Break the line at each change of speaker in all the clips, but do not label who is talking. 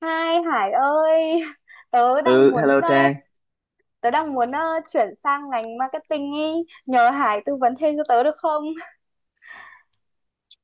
Hai Hải ơi, tớ đang
Ừ,
muốn
hello Trang.
tớ đang muốn ờ, chuyển sang ngành marketing ý, nhờ Hải tư vấn thêm cho tớ được không?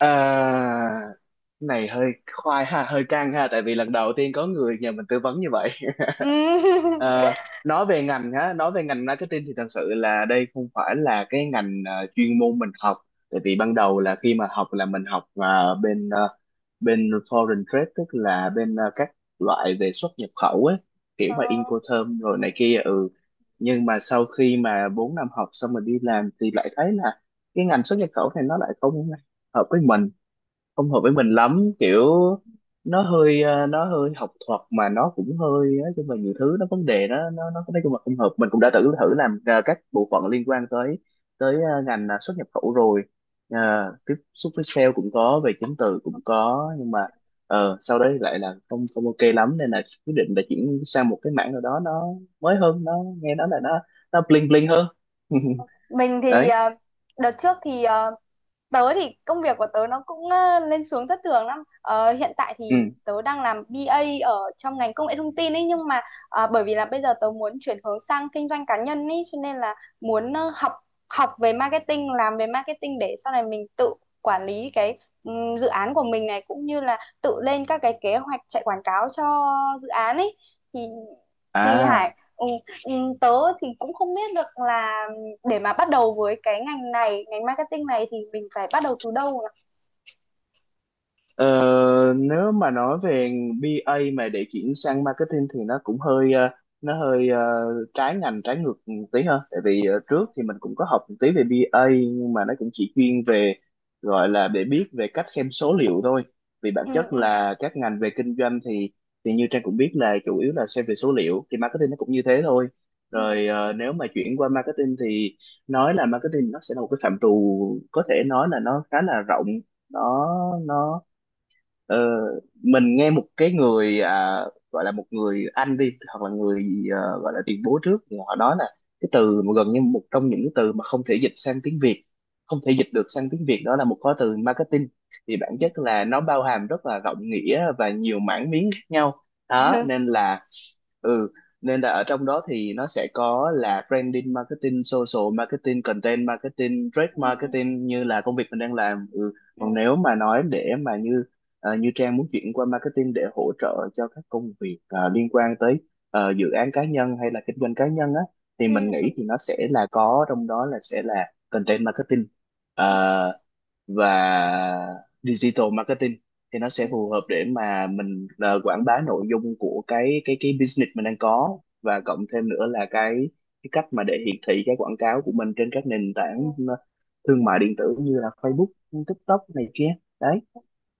À, cái này hơi khoai ha, hơi căng ha, tại vì lần đầu tiên có người nhờ mình tư vấn như vậy.
Ừ.
Ờ, nói về ngành marketing thì thật sự là đây không phải là cái ngành chuyên môn mình học. Tại vì ban đầu là khi mà học là mình học bên foreign trade, tức là các loại về xuất nhập khẩu ấy, kiểu mà
Ờ,
Incoterm rồi này kia, ừ. Nhưng mà sau khi mà 4 năm học xong mình đi làm thì lại thấy là cái ngành xuất nhập khẩu này nó lại hợp với mình không hợp với mình lắm, kiểu nó hơi học thuật mà nó cũng hơi, nói chung là nhiều thứ, nó vấn đề, nó nói chung là không hợp. Mình cũng đã thử thử làm các bộ phận liên quan tới tới ờ, ngành xuất nhập khẩu rồi. Tiếp xúc với sale cũng có, về chứng từ cũng
ok.
có, nhưng mà sau đấy lại là không không ok lắm, nên là quyết định là chuyển sang một cái mảng nào đó nó mới hơn, nó nghe nói là nó bling bling hơn.
Mình thì
Đấy,
ờ, đợt trước thì ờ, tớ thì công việc của tớ nó cũng lên xuống thất thường lắm. Ờ, hiện tại
ừ,
thì tớ đang làm bê A ở trong ngành công nghệ thông tin ấy, nhưng mà bởi vì là bây giờ tớ muốn chuyển hướng sang kinh doanh cá nhân ấy, cho nên là muốn ờ, học học về marketing, làm về marketing để sau này mình tự quản lý cái dự án của mình này, cũng như là tự lên các cái kế hoạch chạy quảng cáo cho dự án ấy. Thì
à.
Hải ừ, tớ thì cũng không biết được là để mà bắt đầu với cái ngành này, ngành marketing này thì mình phải bắt đầu từ đâu nhỉ?
Ờ, Nếu mà nói về bê A mà để chuyển sang marketing thì nó cũng hơi nó hơi ờ, trái ngành, trái ngược một tí hơn, tại vì trước thì mình cũng có học một tí về bê A nhưng mà nó cũng chỉ chuyên về, gọi là để biết về cách xem số liệu thôi, vì bản
Ừ
chất
ừ.
là các ngành về kinh doanh thì như Trang cũng biết là chủ yếu là xem về số liệu, thì marketing nó cũng như thế thôi.
Ừ.
Rồi nếu mà chuyển qua marketing thì, nói là marketing, nó sẽ là một cái phạm trù có thể nói là nó khá là rộng, nó nó Ờ, mình nghe một cái người, gọi là một người anh đi, hoặc là người gọi là tiền bối trước, thì họ nói là cái từ mà gần như một trong những cái từ mà không thể dịch sang tiếng Việt, không thể dịch được sang tiếng Việt, đó là một khóa từ marketing. Thì bản
Ừ.
chất là nó bao hàm rất là rộng nghĩa và nhiều mảng miếng khác nhau đó,
Ừ.
nên là ừ, nên là ở trong đó thì nó sẽ có là branding marketing, social marketing, content marketing, trade
Ừ. Ừ.
marketing như là công việc mình đang làm, ừ.
Ừ.
Còn nếu mà nói để mà như Trang muốn chuyển qua marketing để hỗ trợ cho các công việc liên quan tới dự án cá nhân hay là kinh doanh cá nhân á, thì
Ừ.
mình
Ừ.
nghĩ thì nó sẽ là, có trong đó là sẽ là content marketing
Ừ.
ờ, và digital marketing, thì nó sẽ phù
Ừ.
hợp để mà mình quảng bá nội dung của cái business mình đang có, và cộng thêm nữa là cái cách mà để hiển thị cái quảng cáo của mình trên các nền
Ừ.
tảng thương mại điện tử như là Facebook, TikTok này kia. Đấy,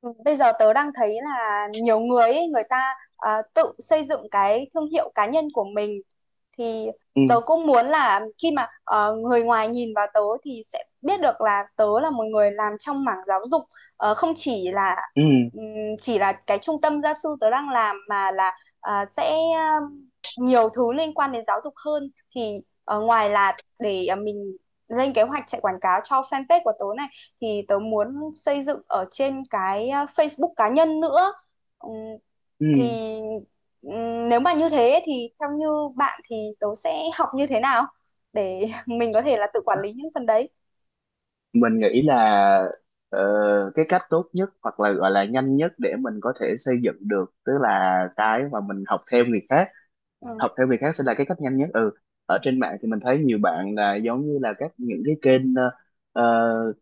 Ừ, bây giờ tớ đang thấy là nhiều người ấy, người ta à, tự xây dựng cái thương hiệu cá nhân của mình thì
ừ.
tớ cũng muốn là khi mà người ngoài nhìn vào tớ thì sẽ biết được là tớ là một người làm trong mảng giáo dục. Ờ, không chỉ là
Ừ,
ừm, chỉ là cái trung tâm gia sư tớ đang làm, mà là à, sẽ nhiều thứ liên quan đến giáo dục hơn. Thì ờ, ngoài là để mình lên kế hoạch chạy quảng cáo cho fanpage của tớ này, thì tớ muốn xây dựng ở trên cái à, Facebook cá nhân nữa. Ừm,
ừ.
thì nếu mà như thế thì theo như bạn thì tớ sẽ học như thế nào để mình có thể là tự quản lý những phần đấy.
Mình nghĩ là ờ, cái cách tốt nhất hoặc là gọi là nhanh nhất để mình có thể xây dựng được, tức là cái mà mình học theo người khác.
Ừ.
Học theo người khác sẽ là cái cách nhanh nhất, ừ. Ở trên mạng thì mình thấy nhiều bạn là giống như là các, những cái kênh ờ,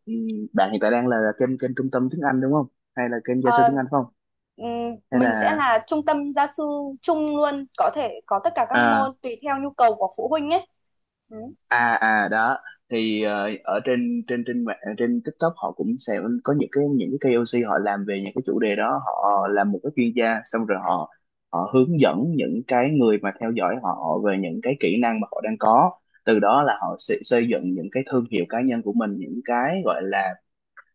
ừ, bạn hiện tại đang là kênh kênh trung tâm tiếng Anh đúng không, hay là kênh gia sư
Ờ,
tiếng Anh phải không, hay là
mình sẽ là trung tâm gia sư chung luôn, có thể có tất cả các
à,
môn tùy theo nhu cầu của phụ huynh ấy. Ừ.
đó, thì ở trên trên trên mạng, trên TikTok, họ cũng sẽ có những cái, KOC, họ làm về những cái chủ đề đó, họ làm một cái chuyên gia, xong rồi họ, hướng dẫn những cái người mà theo dõi họ về những cái kỹ năng mà họ đang có. Từ đó là họ sẽ xây dựng những cái thương hiệu cá nhân của mình, những cái gọi là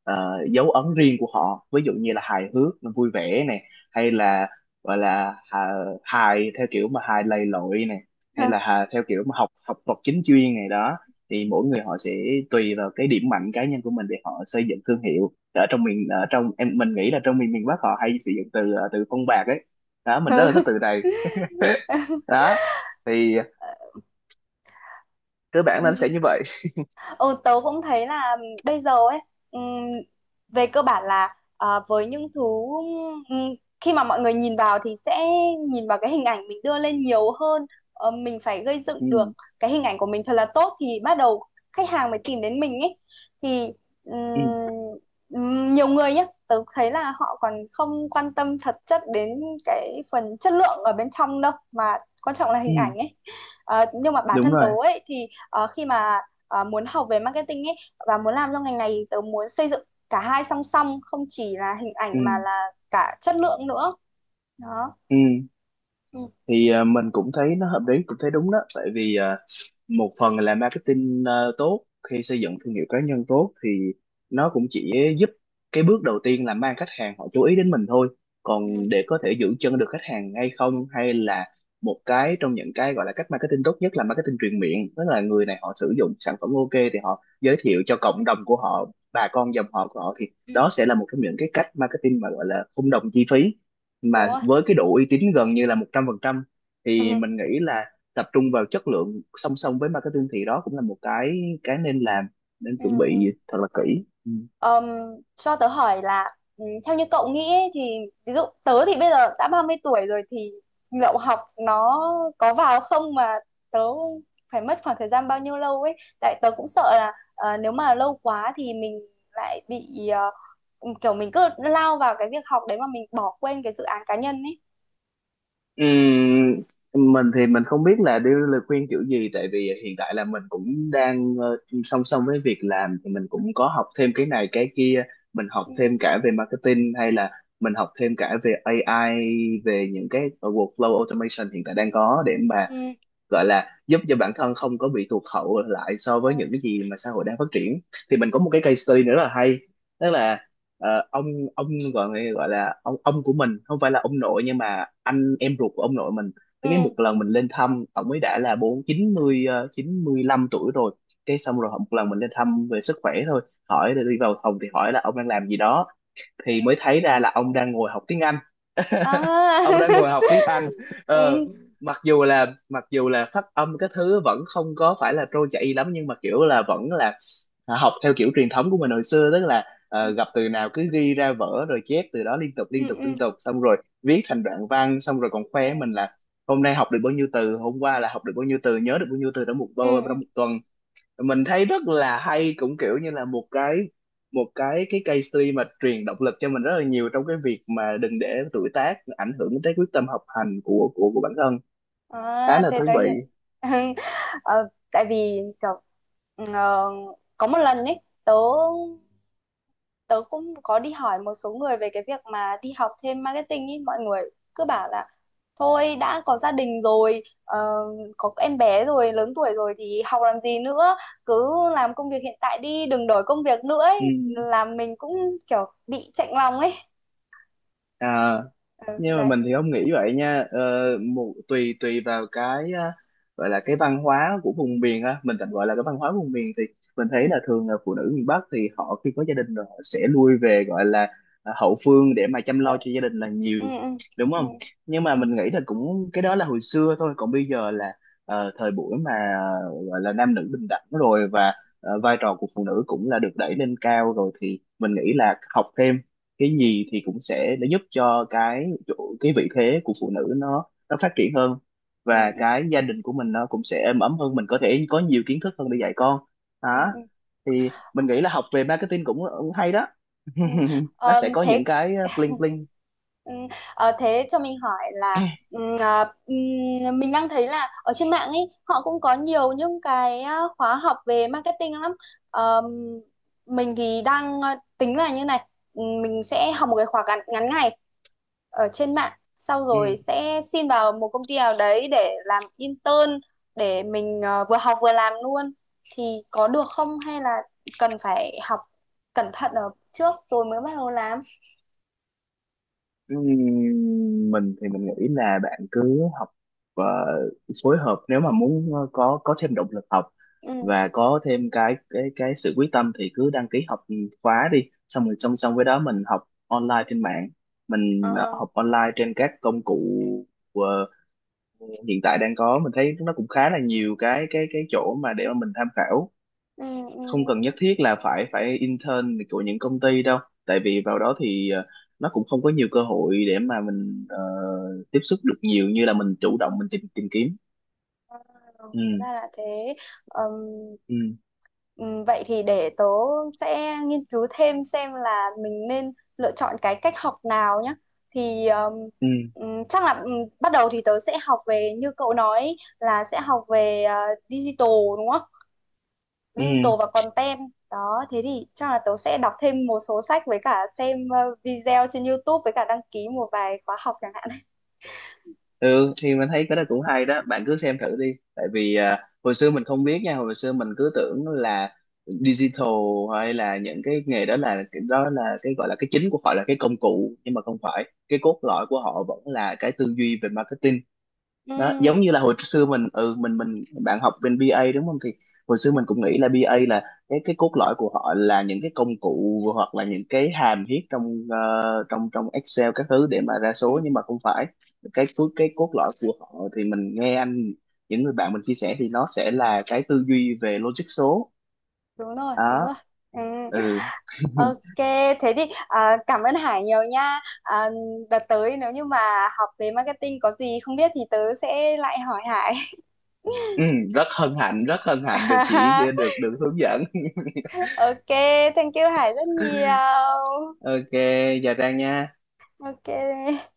ờ, dấu ấn riêng của họ, ví dụ như là hài hước vui vẻ này, hay là gọi là hài theo kiểu mà hài lầy lội này, hay là hài theo kiểu mà học học thuật chính chuyên này đó. Thì mỗi người họ sẽ tùy vào cái điểm mạnh cá nhân của mình để họ xây dựng thương hiệu ở trong miền, ở trong em, mình nghĩ là trong miền miền Bắc họ hay sử dụng từ từ phong bạc ấy đó, mình rất là
Ừ.
thích từ này đó, thì cơ bản
Ừ.
là nó sẽ như vậy.
Ừ, tớ cũng thấy là bây giờ ấy ừm, về cơ bản là ờ, với những thứ ừm, khi mà mọi người nhìn vào thì sẽ nhìn vào cái hình ảnh mình đưa lên nhiều hơn. Ờ, mình phải gây dựng được
Ừ,
cái hình ảnh của mình thật là tốt thì bắt đầu khách hàng mới tìm đến mình ấy. Thì ừm,
ừ,
nhiều người nhé, tớ thấy là họ còn không quan tâm thật chất đến cái phần chất lượng ở bên trong đâu, mà quan trọng là hình
ừ,
ảnh ấy. Ờ, nhưng mà bản
đúng
thân tớ
rồi,
ấy thì khi mà à, muốn học về marketing ấy và muốn làm trong ngành này thì tớ muốn xây dựng cả hai song song, không chỉ là hình
ừ,
ảnh mà là cả chất lượng nữa. Đó.
ừ.
Ừ.
Thì mình cũng thấy nó hợp lý, cũng thấy đúng đó, tại vì một phần là marketing tốt, khi xây dựng thương hiệu cá nhân tốt thì nó cũng chỉ giúp cái bước đầu tiên là mang khách hàng họ chú ý đến mình thôi,
Ừ.
còn để có thể giữ chân được khách hàng hay không, hay là một cái trong những cái gọi là cách marketing tốt nhất là marketing truyền miệng, tức là người này họ sử dụng sản phẩm ok thì họ giới thiệu cho cộng đồng của họ, bà con dòng họ của họ. Thì
Ừ.
đó sẽ là một trong những cái cách marketing mà gọi là không đồng chi phí,
Đúng
mà
rồi.
với cái độ uy tín gần như là 100%. Thì
Ừ.
mình nghĩ là tập trung vào chất lượng song song với marketing thì đó cũng là một cái nên làm, nên
Ừ.
chuẩn
Ừ.
bị thật là kỹ. Ừ.
Ờm, cho tớ hỏi là ừ, theo như cậu nghĩ ấy, thì ví dụ tớ thì bây giờ đã 30 tuổi rồi thì lậu học nó có vào không, mà tớ phải mất khoảng thời gian bao nhiêu lâu ấy, tại tớ cũng sợ là ờ, nếu mà lâu quá thì mình lại bị ờ, kiểu mình cứ lao vào cái việc học đấy mà mình bỏ quên cái dự án cá nhân ấy.
Mình thì mình không biết là đưa lời khuyên kiểu gì, tại vì hiện tại là mình cũng đang song song với việc làm thì mình cũng có học thêm cái này cái kia. Mình học
Ừ.
thêm cả về marketing, hay là mình học thêm cả về AI, về những cái workflow automation hiện tại đang có, để mà
Ừ.
gọi là giúp cho bản thân không có bị tụt hậu lại so
Ừ.
với những cái gì mà xã hội đang phát triển. Thì mình có một cái case study nữa rất là hay, tức là ờ, ông ông gọi gọi là ông của mình, không phải là ông nội nhưng mà anh em ruột của ông nội mình. Cái,
Ừ.
một lần mình lên thăm, ông ấy đã là bốn chín mươi ờ, 95 tuổi rồi, cái xong rồi một lần mình lên thăm về sức khỏe thôi, hỏi, đi vào phòng thì hỏi là ông đang làm gì đó, thì mới thấy ra là ông đang ngồi học tiếng Anh.
À.
Ông đang ngồi học tiếng Anh, ờ,
Ừ.
mặc dù là phát âm cái thứ vẫn không có phải là trôi chảy lắm, nhưng mà kiểu là vẫn là học theo kiểu truyền thống của mình hồi xưa, tức là
Ừ.
gặp từ nào cứ ghi ra vở rồi chép từ đó liên tục
Ừ.
liên tục
Ừ.
liên tục, xong rồi viết thành đoạn văn, xong rồi còn khoe
Ừ.
mình là hôm nay học được bao nhiêu từ, hôm qua là học được bao nhiêu từ, nhớ được bao nhiêu từ trong một
Ừ.
bao, trong một tuần. Mình thấy rất là hay, cũng kiểu như là một cái, case study mà truyền động lực cho mình rất là nhiều trong cái việc mà đừng để tuổi tác ảnh hưởng tới quyết tâm học hành của của bản thân. Khá
À,
là
thế
thú
tới
vị,
hiện. Ờ, tại vì kiểu ờ, có một lần ấy tớ, cũng có đi hỏi một số người về cái việc mà đi học thêm marketing ấy, mọi người cứ bảo là thôi đã có gia đình rồi, ờ, có em bé rồi, lớn tuổi rồi thì học làm gì nữa, cứ làm công việc hiện tại đi, đừng đổi công việc nữa
ừ.
ấy, làm mình cũng kiểu bị chạnh lòng ấy.
À,
Ừ,
nhưng mà
đấy.
mình thì không nghĩ vậy nha, tùy tùy vào cái á, gọi là cái văn hóa của vùng miền á, mình tạm gọi là cái văn hóa vùng miền, thì mình thấy
Ừ,
là thường là phụ nữ miền Bắc thì họ khi có gia đình rồi họ sẽ lui về, gọi là hậu phương để mà chăm lo cho gia đình là nhiều,
ừ,
đúng
ừ,
không. Nhưng mà
ừ,
mình nghĩ là cũng, cái đó là hồi xưa thôi, còn bây giờ là thời buổi mà gọi là nam nữ bình đẳng rồi, và vai trò của phụ nữ cũng là được đẩy lên cao rồi, thì mình nghĩ là học thêm cái gì thì cũng sẽ để giúp cho cái chỗ, cái vị thế của phụ nữ nó phát triển hơn,
ừ, ừ,
và
ừ,
cái gia đình của mình nó cũng sẽ êm ấm hơn, mình có thể có nhiều kiến thức hơn để dạy con
ừ,
đó.
ừ.
Thì mình nghĩ là học về marketing cũng hay đó.
Ừ.
Nó
Ờ,
sẽ có những
thế.
cái bling bling.
Ừ, ờ, thế cho mình hỏi là ừm, à, mình đang thấy là ở trên mạng ấy họ cũng có nhiều những cái à, khóa học về marketing lắm. Ờm, mình thì đang à, tính là như này, mình sẽ học một cái khóa ngắn ngày ở trên mạng, sau
Ừ.
rồi sẽ xin vào một công ty nào đấy để làm intern để mình à, vừa học vừa làm luôn. Thì có được không, hay là cần phải học cẩn thận ở trước rồi mới bắt đầu làm?
Ừm, mình thì mình nghĩ là bạn cứ học ờ, phối hợp. Nếu mà muốn có thêm động lực học
Ừ.
và có thêm cái sự quyết tâm thì cứ đăng ký học khóa đi, xong rồi song song với đó mình học online trên mạng,
Ờ.
mình
Ờ.
học online trên các công cụ ờ, hiện tại đang có. Mình thấy nó cũng khá là nhiều cái chỗ mà để mà mình tham khảo,
Ừ, ừ.
không cần nhất thiết là phải phải intern của những công ty đâu, tại vì vào đó thì nó cũng không có nhiều cơ hội để mà mình tiếp xúc được nhiều như là mình chủ động mình tìm tìm kiếm,
Ừ,
ừ.
hóa ra là thế. Ừm,
Ừ,
Vậy thì để tớ sẽ nghiên cứu thêm xem là mình nên lựa chọn cái cách học nào nhé. Thì
ừ,
Chắc là bắt đầu thì tớ sẽ học về như cậu nói là sẽ học về digital, đúng không?
ừ,
Digital và content. Đó, thế thì chắc là tớ sẽ đọc thêm một số sách, với cả xem video trên YouTube, với cả đăng ký một vài khóa học chẳng hạn.
ừ. Thì mình thấy cái đó cũng hay đó, bạn cứ xem thử đi, tại vì hồi xưa mình không biết nha, hồi xưa mình cứ tưởng là digital hay là những cái nghề đó là, cái đó là cái gọi là cái chính của họ là cái công cụ, nhưng mà không phải, cái cốt lõi của họ vẫn là cái tư duy về marketing
Ừ,
đó. Giống như là hồi xưa mình, bạn học bên BA đúng không, thì hồi xưa
ừ,
mình cũng nghĩ là BA là, cái cốt lõi của họ là những cái công cụ, hoặc là những cái hàm viết trong trong trong Excel các thứ để mà ra
ừ.
số, nhưng mà không phải, cái phước cái cốt lõi của họ, thì mình nghe anh, những người bạn mình chia sẻ thì nó sẽ là cái tư duy về logic số
Đúng rồi, đúng
đó,
rồi. Ừ.
ừ.
Ok, thế thì à, cảm ơn Hải nhiều nha. À, đợt tới nếu như mà học về marketing có gì không biết thì tớ sẽ lại hỏi Hải.
Ừ, rất hân hạnh, rất hân hạnh được được được hướng dẫn.
Ok, thank you Hải rất nhiều.
Ok, chào Trang nha.
Ok.